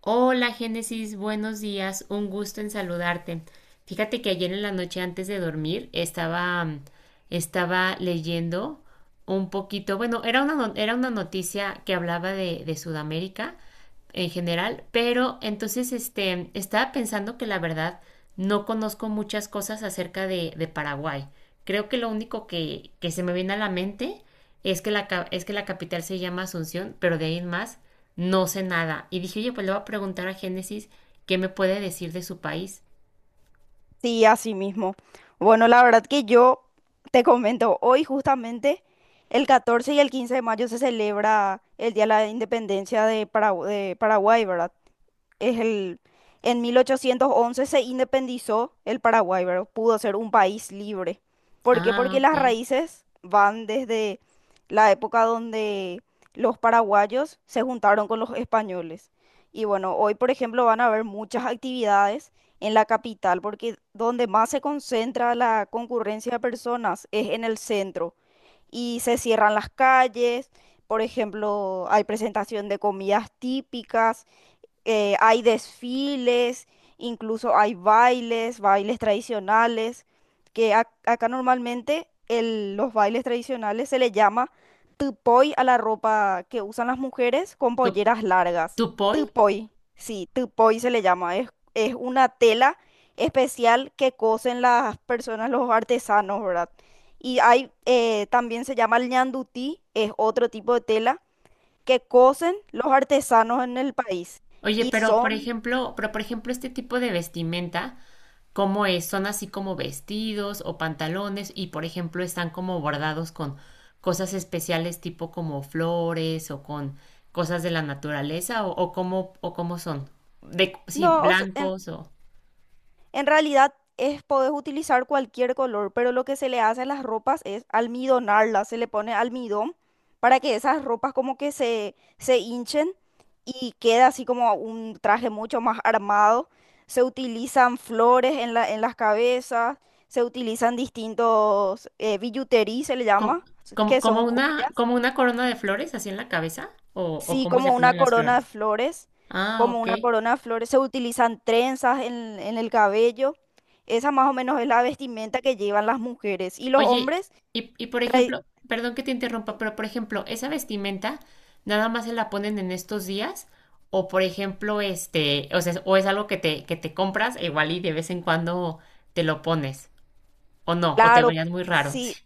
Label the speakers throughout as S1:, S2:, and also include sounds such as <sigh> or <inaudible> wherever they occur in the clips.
S1: Hola Génesis, buenos días, un gusto en saludarte. Fíjate que ayer en la noche antes de dormir estaba, estaba leyendo un poquito, bueno, era una, no- era una noticia que hablaba de Sudamérica en general, pero entonces este, estaba pensando que la verdad no conozco muchas cosas acerca de Paraguay. Creo que lo único que se me viene a la mente es que, es que la capital se llama Asunción, pero de ahí en más no sé nada. Y dije, oye, pues le voy a preguntar a Génesis qué me puede decir de su país.
S2: Sí, así mismo. Bueno, la verdad que yo te comento, hoy justamente el 14 y el 15 de mayo se celebra el Día de la Independencia de de Paraguay, ¿verdad? Es el, en 1811 se independizó el Paraguay, ¿verdad? Pudo ser un país libre. ¿Por qué?
S1: Ah,
S2: Porque
S1: ok.
S2: las raíces van desde la época donde los paraguayos se juntaron con los españoles. Y bueno, hoy, por ejemplo, van a haber muchas actividades en la capital, porque donde más se concentra la concurrencia de personas es en el centro y se cierran las calles. Por ejemplo, hay presentación de comidas típicas, hay desfiles, incluso hay bailes, bailes tradicionales, que acá normalmente los bailes tradicionales se le llama tupoy a la ropa que usan las mujeres con
S1: ¿Tu,
S2: polleras largas.
S1: Tupoi?
S2: Tupoy, sí, tupoy se le llama. Es una tela especial que cosen las personas, los artesanos, ¿verdad? Y hay, también se llama el ñandutí, es otro tipo de tela que cosen los artesanos en el país.
S1: Oye,
S2: Y
S1: pero por
S2: son,
S1: ejemplo, pero por ejemplo, este tipo de vestimenta. Cómo es, son así como vestidos o pantalones y por ejemplo están como bordados con cosas especiales tipo como flores o con cosas de la naturaleza o cómo son de sí
S2: no, o sea,
S1: blancos o
S2: en realidad es, podés utilizar cualquier color, pero lo que se le hace a las ropas es almidonarlas, se le pone almidón para que esas ropas como que se hinchen y queda así como un traje mucho más armado. Se utilizan flores en en las cabezas, se utilizan distintos billutería, se le
S1: co-
S2: llama,
S1: como
S2: que
S1: como
S2: son
S1: una
S2: joyas.
S1: como una corona de flores así en la cabeza o
S2: Sí,
S1: cómo se
S2: como una
S1: ponen las
S2: corona de
S1: flores.
S2: flores,
S1: Ah,
S2: como
S1: ok.
S2: una corona de flores. Se utilizan trenzas en el cabello. Esa más o menos es la vestimenta que llevan las mujeres. Y los
S1: Oye,
S2: hombres
S1: y por
S2: traen.
S1: ejemplo, perdón que te interrumpa, pero por ejemplo, esa vestimenta nada más se la ponen en estos días o por ejemplo, este, o sea, o es algo que te compras igual y de vez en cuando te lo pones o no, o te
S2: Claro,
S1: verías muy raro.
S2: sí,
S1: Sí.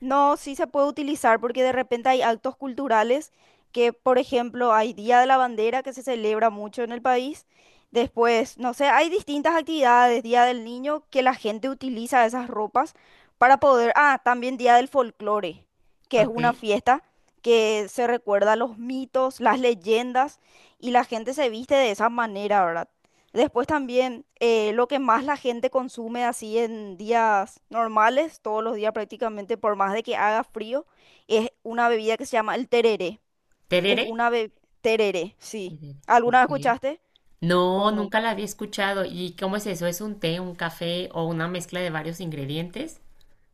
S2: no, sí se puede utilizar porque de repente hay actos culturales que, por ejemplo, hay Día de la Bandera que se celebra mucho en el país. Después, no sé, hay distintas actividades, Día del Niño, que la gente utiliza esas ropas para poder... Ah, también Día del Folclore, que es
S1: Ok.
S2: una fiesta que se recuerda los mitos, las leyendas y la gente se viste de esa manera, ¿verdad? Después también lo que más la gente consume así en días normales, todos los días prácticamente, por más de que haga frío, es una bebida que se llama el tereré. Es
S1: ¿Terere?
S2: una bebida... Tereré, sí.
S1: Terere,
S2: ¿Alguna vez
S1: ok.
S2: escuchaste? ¿O
S1: No,
S2: nunca?
S1: nunca la había escuchado. ¿Y cómo es eso? ¿Es un té, un café o una mezcla de varios ingredientes?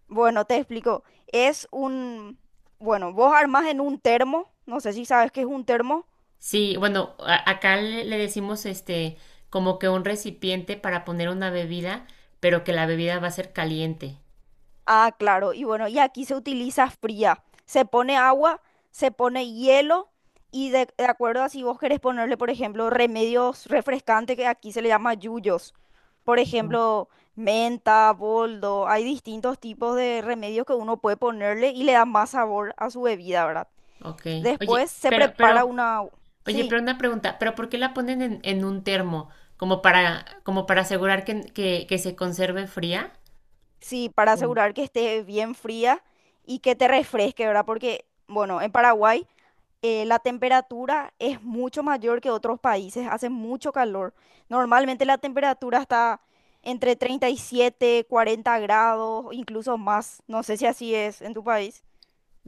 S2: Bueno, te explico. Es un... Bueno, vos armás en un termo, no sé si sabes qué es un termo.
S1: Sí, bueno, acá le decimos este como que un recipiente para poner una bebida, pero que la bebida va a ser caliente.
S2: Ah, claro. Y bueno, y aquí se utiliza fría. Se pone agua, se pone hielo y de acuerdo a si vos querés ponerle, por ejemplo, remedios refrescantes que aquí se le llama yuyos. Por ejemplo, menta, boldo. Hay distintos tipos de remedios que uno puede ponerle y le da más sabor a su bebida, ¿verdad?
S1: Ok. Oye,
S2: Después se
S1: pero,
S2: prepara
S1: pero,
S2: una...
S1: oye,
S2: Sí,
S1: pero una pregunta, ¿pero por qué la ponen en un termo? ¿Como para, como para asegurar que se conserve fría?
S2: sí, para asegurar que esté bien fría y que te refresque, ¿verdad? Porque, bueno, en Paraguay... la temperatura es mucho mayor que otros países, hace mucho calor. Normalmente la temperatura está entre 37, 40 grados, incluso más. No sé si así es en tu país.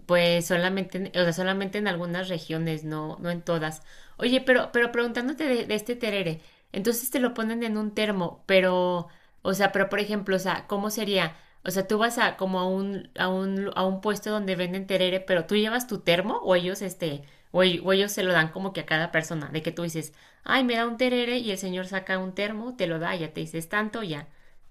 S1: Pues solamente, o sea, solamente en algunas regiones, no, no en todas. Oye, pero preguntándote de este terere, entonces te lo ponen en un termo, pero, o sea, pero por ejemplo, o sea, ¿cómo sería? O sea, tú vas a como a un puesto donde venden terere, pero tú llevas tu termo o ellos, este, o, o ellos se lo dan como que a cada persona, de que tú dices, ay, me da un terere y el señor saca un termo, te lo da, ya te dices tanto, ya,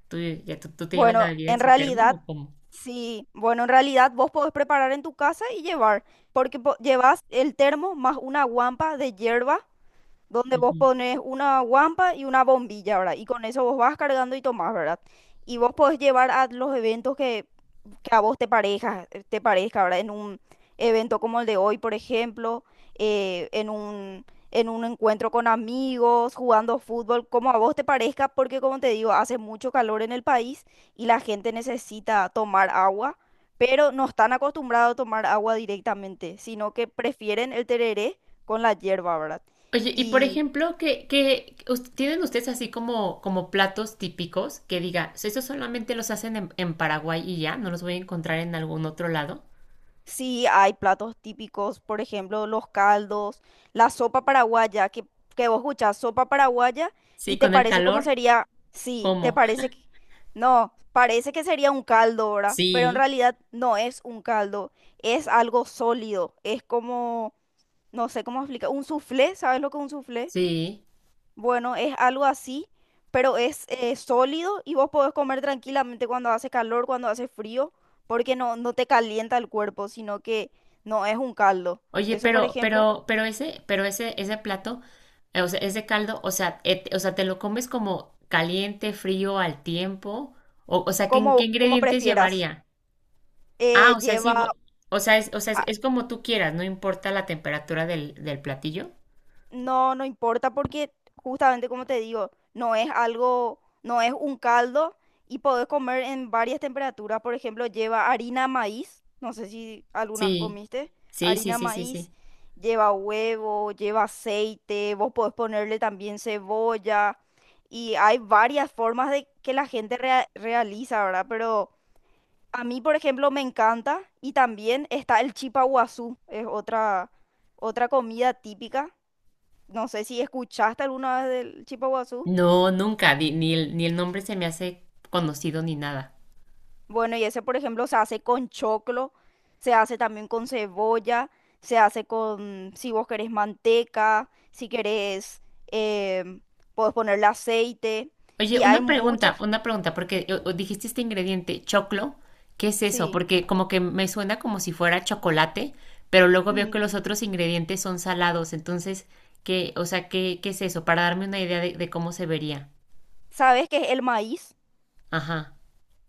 S1: tú te llevas la
S2: Bueno,
S1: bebida en
S2: en
S1: su termo
S2: realidad,
S1: o cómo.
S2: sí, bueno, en realidad vos podés preparar en tu casa y llevar, porque llevas el termo más una guampa de hierba, donde vos pones una guampa y una bombilla, ¿verdad? Y con eso vos vas cargando y tomás, ¿verdad? Y vos podés llevar a los eventos que a vos te parezca, ¿verdad? En un evento como el de hoy, por ejemplo, eh, en un, en un encuentro con amigos, jugando fútbol, como a vos te parezca, porque como te digo, hace mucho calor en el país y la gente necesita tomar agua, pero no están acostumbrados a tomar agua directamente, sino que prefieren el tereré con la hierba, ¿verdad?
S1: Oye, y por ejemplo, ¿ tienen ustedes así como, como platos típicos que diga, "So, ¿esos solamente los hacen en Paraguay y ya? ¿No los voy a encontrar en algún otro lado?
S2: Sí, hay platos típicos, por ejemplo, los caldos, la sopa paraguaya, que vos escuchás sopa paraguaya
S1: Sí,
S2: y te
S1: con el
S2: parece como
S1: calor,
S2: sería, sí, te
S1: ¿cómo?
S2: parece que, no, parece que sería un caldo, ¿verdad? Pero en
S1: Sí,
S2: realidad no es un caldo, es algo sólido, es como, no sé cómo explicar, un soufflé, ¿sabes lo que es un soufflé?
S1: sí.
S2: Bueno, es algo así, pero es sólido y vos podés comer tranquilamente cuando hace calor, cuando hace frío, porque no te calienta el cuerpo, sino que no es un caldo.
S1: Oye,
S2: Eso, por
S1: pero,
S2: ejemplo,
S1: pero, pero ese, pero ese, ese plato, o sea, ese caldo, o sea, o sea, ¿te lo comes como caliente, frío, al tiempo? O sea, ¿ qué
S2: como, como
S1: ingredientes
S2: prefieras.
S1: llevaría? Ah, o sea, es igual,
S2: Lleva,
S1: o sea,
S2: ah,
S1: es como tú quieras, no importa la temperatura del platillo.
S2: no, no importa porque justamente como te digo, no es algo, no es un caldo y podés comer en varias temperaturas. Por ejemplo, lleva harina maíz, no sé si algunas
S1: Sí,
S2: comiste,
S1: sí, sí,
S2: harina
S1: sí, sí, sí.
S2: maíz, lleva huevo, lleva aceite, vos podés ponerle también cebolla y hay varias formas de que la gente realiza, ¿verdad? Pero a mí, por ejemplo, me encanta y también está el chipa guazú, es otra, otra comida típica, no sé si escuchaste alguna vez del chipa.
S1: No, nunca, ni el, ni el nombre se me hace conocido ni nada.
S2: Bueno, y ese, por ejemplo, se hace con choclo, se hace también con cebolla, se hace con, si vos querés, manteca, si querés, em, podés ponerle aceite.
S1: Oye,
S2: Y hay
S1: una pregunta,
S2: muchas,
S1: una pregunta, porque o dijiste este ingrediente, choclo, ¿qué es eso?
S2: sí.
S1: Porque como que me suena como si fuera chocolate, pero luego veo que
S2: Mm,
S1: los otros ingredientes son salados, entonces, ¿qué, o sea, qué, qué es eso? Para darme una idea de cómo se vería.
S2: ¿sabes qué es el maíz?
S1: Ajá.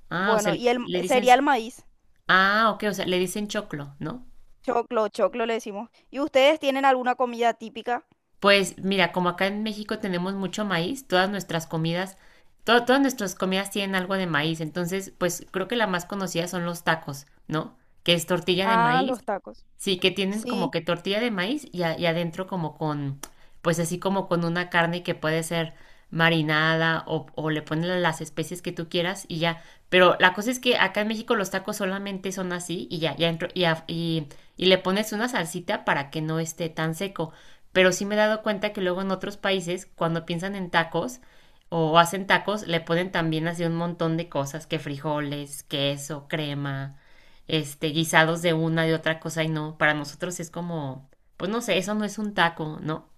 S1: Ah, o sea,
S2: Bueno, y el,
S1: le dicen,
S2: sería el maíz.
S1: ah, ok, o sea, le dicen choclo, ¿no?
S2: Choclo, choclo le decimos. ¿Y ustedes tienen alguna comida típica?
S1: Pues mira, como acá en México tenemos mucho maíz, todas nuestras comidas, todas nuestras comidas tienen algo de maíz, entonces pues creo que la más conocida son los tacos, ¿no? Que es tortilla de
S2: Ah,
S1: maíz.
S2: los tacos.
S1: Sí, que tienen como
S2: Sí.
S1: que tortilla de maíz y, y adentro como con, pues así como con una carne que puede ser marinada o le ponen las especies que tú quieras y ya. Pero la cosa es que acá en México los tacos solamente son así y ya, y le pones una salsita para que no esté tan seco. Pero sí me he dado cuenta que luego en otros países, cuando piensan en tacos o hacen tacos, le ponen también así un montón de cosas, que frijoles, queso, crema este, guisados de una, de otra cosa y no, para nosotros es como, pues no sé, eso no es un taco, ¿no?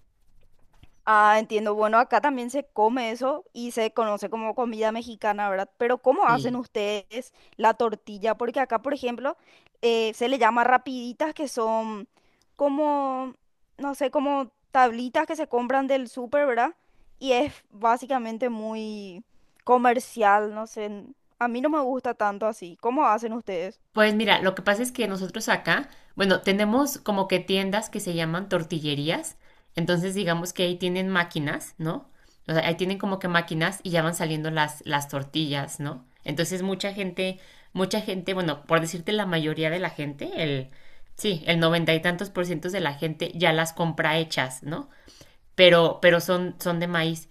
S2: Ah, entiendo. Bueno, acá también se come eso y se conoce como comida mexicana, ¿verdad? Pero ¿cómo hacen
S1: Sí.
S2: ustedes la tortilla? Porque acá, por ejemplo, se le llama rapiditas, que son como, no sé, como tablitas que se compran del súper, ¿verdad? Y es básicamente muy comercial, no sé. A mí no me gusta tanto así. ¿Cómo hacen ustedes?
S1: Pues mira, lo que pasa es que nosotros acá, bueno, tenemos como que tiendas que se llaman tortillerías, entonces digamos que ahí tienen máquinas, ¿no? O sea, ahí tienen como que máquinas y ya van saliendo las tortillas, ¿no? Entonces mucha gente, bueno, por decirte la mayoría de la gente, sí, el 90 y tantos por ciento de la gente ya las compra hechas, ¿no? Pero son de maíz.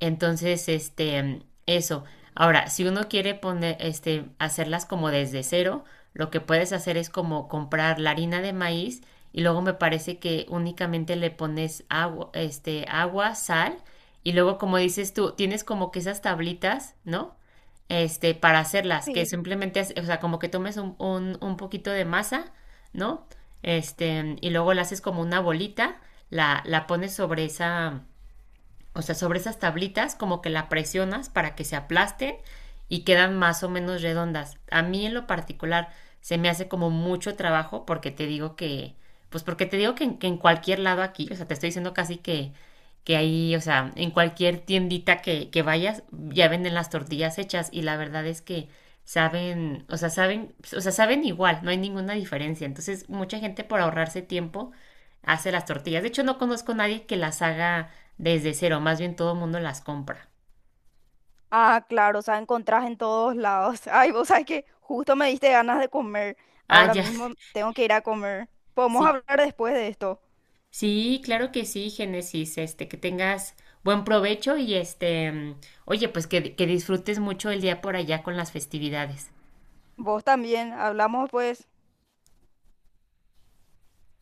S1: Entonces, este, eso. Ahora, si uno quiere poner, este, hacerlas como desde cero, lo que puedes hacer es como comprar la harina de maíz y luego me parece que únicamente le pones agua, este, agua, sal y luego como dices tú, tienes como que esas tablitas, ¿no? Este, para hacerlas, que
S2: Sí.
S1: simplemente, o sea, como que tomes un poquito de masa, ¿no? Este, y luego la haces como una bolita, la pones sobre esa, o sea, sobre esas tablitas como que la presionas para que se aplasten y quedan más o menos redondas. A mí en lo particular se me hace como mucho trabajo porque te digo que, pues porque te digo que en cualquier lado aquí, o sea, te estoy diciendo casi que ahí, o sea, en cualquier tiendita que vayas, ya venden las tortillas hechas y la verdad es que saben, o sea, saben, o sea, saben igual, no hay ninguna diferencia. Entonces, mucha gente por ahorrarse tiempo hace las tortillas. De hecho, no conozco a nadie que las haga desde cero, más bien todo el mundo las compra.
S2: Ah, claro, o sea, encontrás en todos lados. <laughs> Ay, vos sabés que justo me diste ganas de comer.
S1: Ah,
S2: Ahora
S1: ya.
S2: mismo
S1: <laughs>
S2: tengo que ir a comer. Podemos
S1: Sí.
S2: hablar después de esto.
S1: Sí, claro que sí, Génesis, este, que tengas buen provecho y este, mm, oye, pues que disfrutes mucho el día por allá con las festividades.
S2: Vos también, hablamos pues.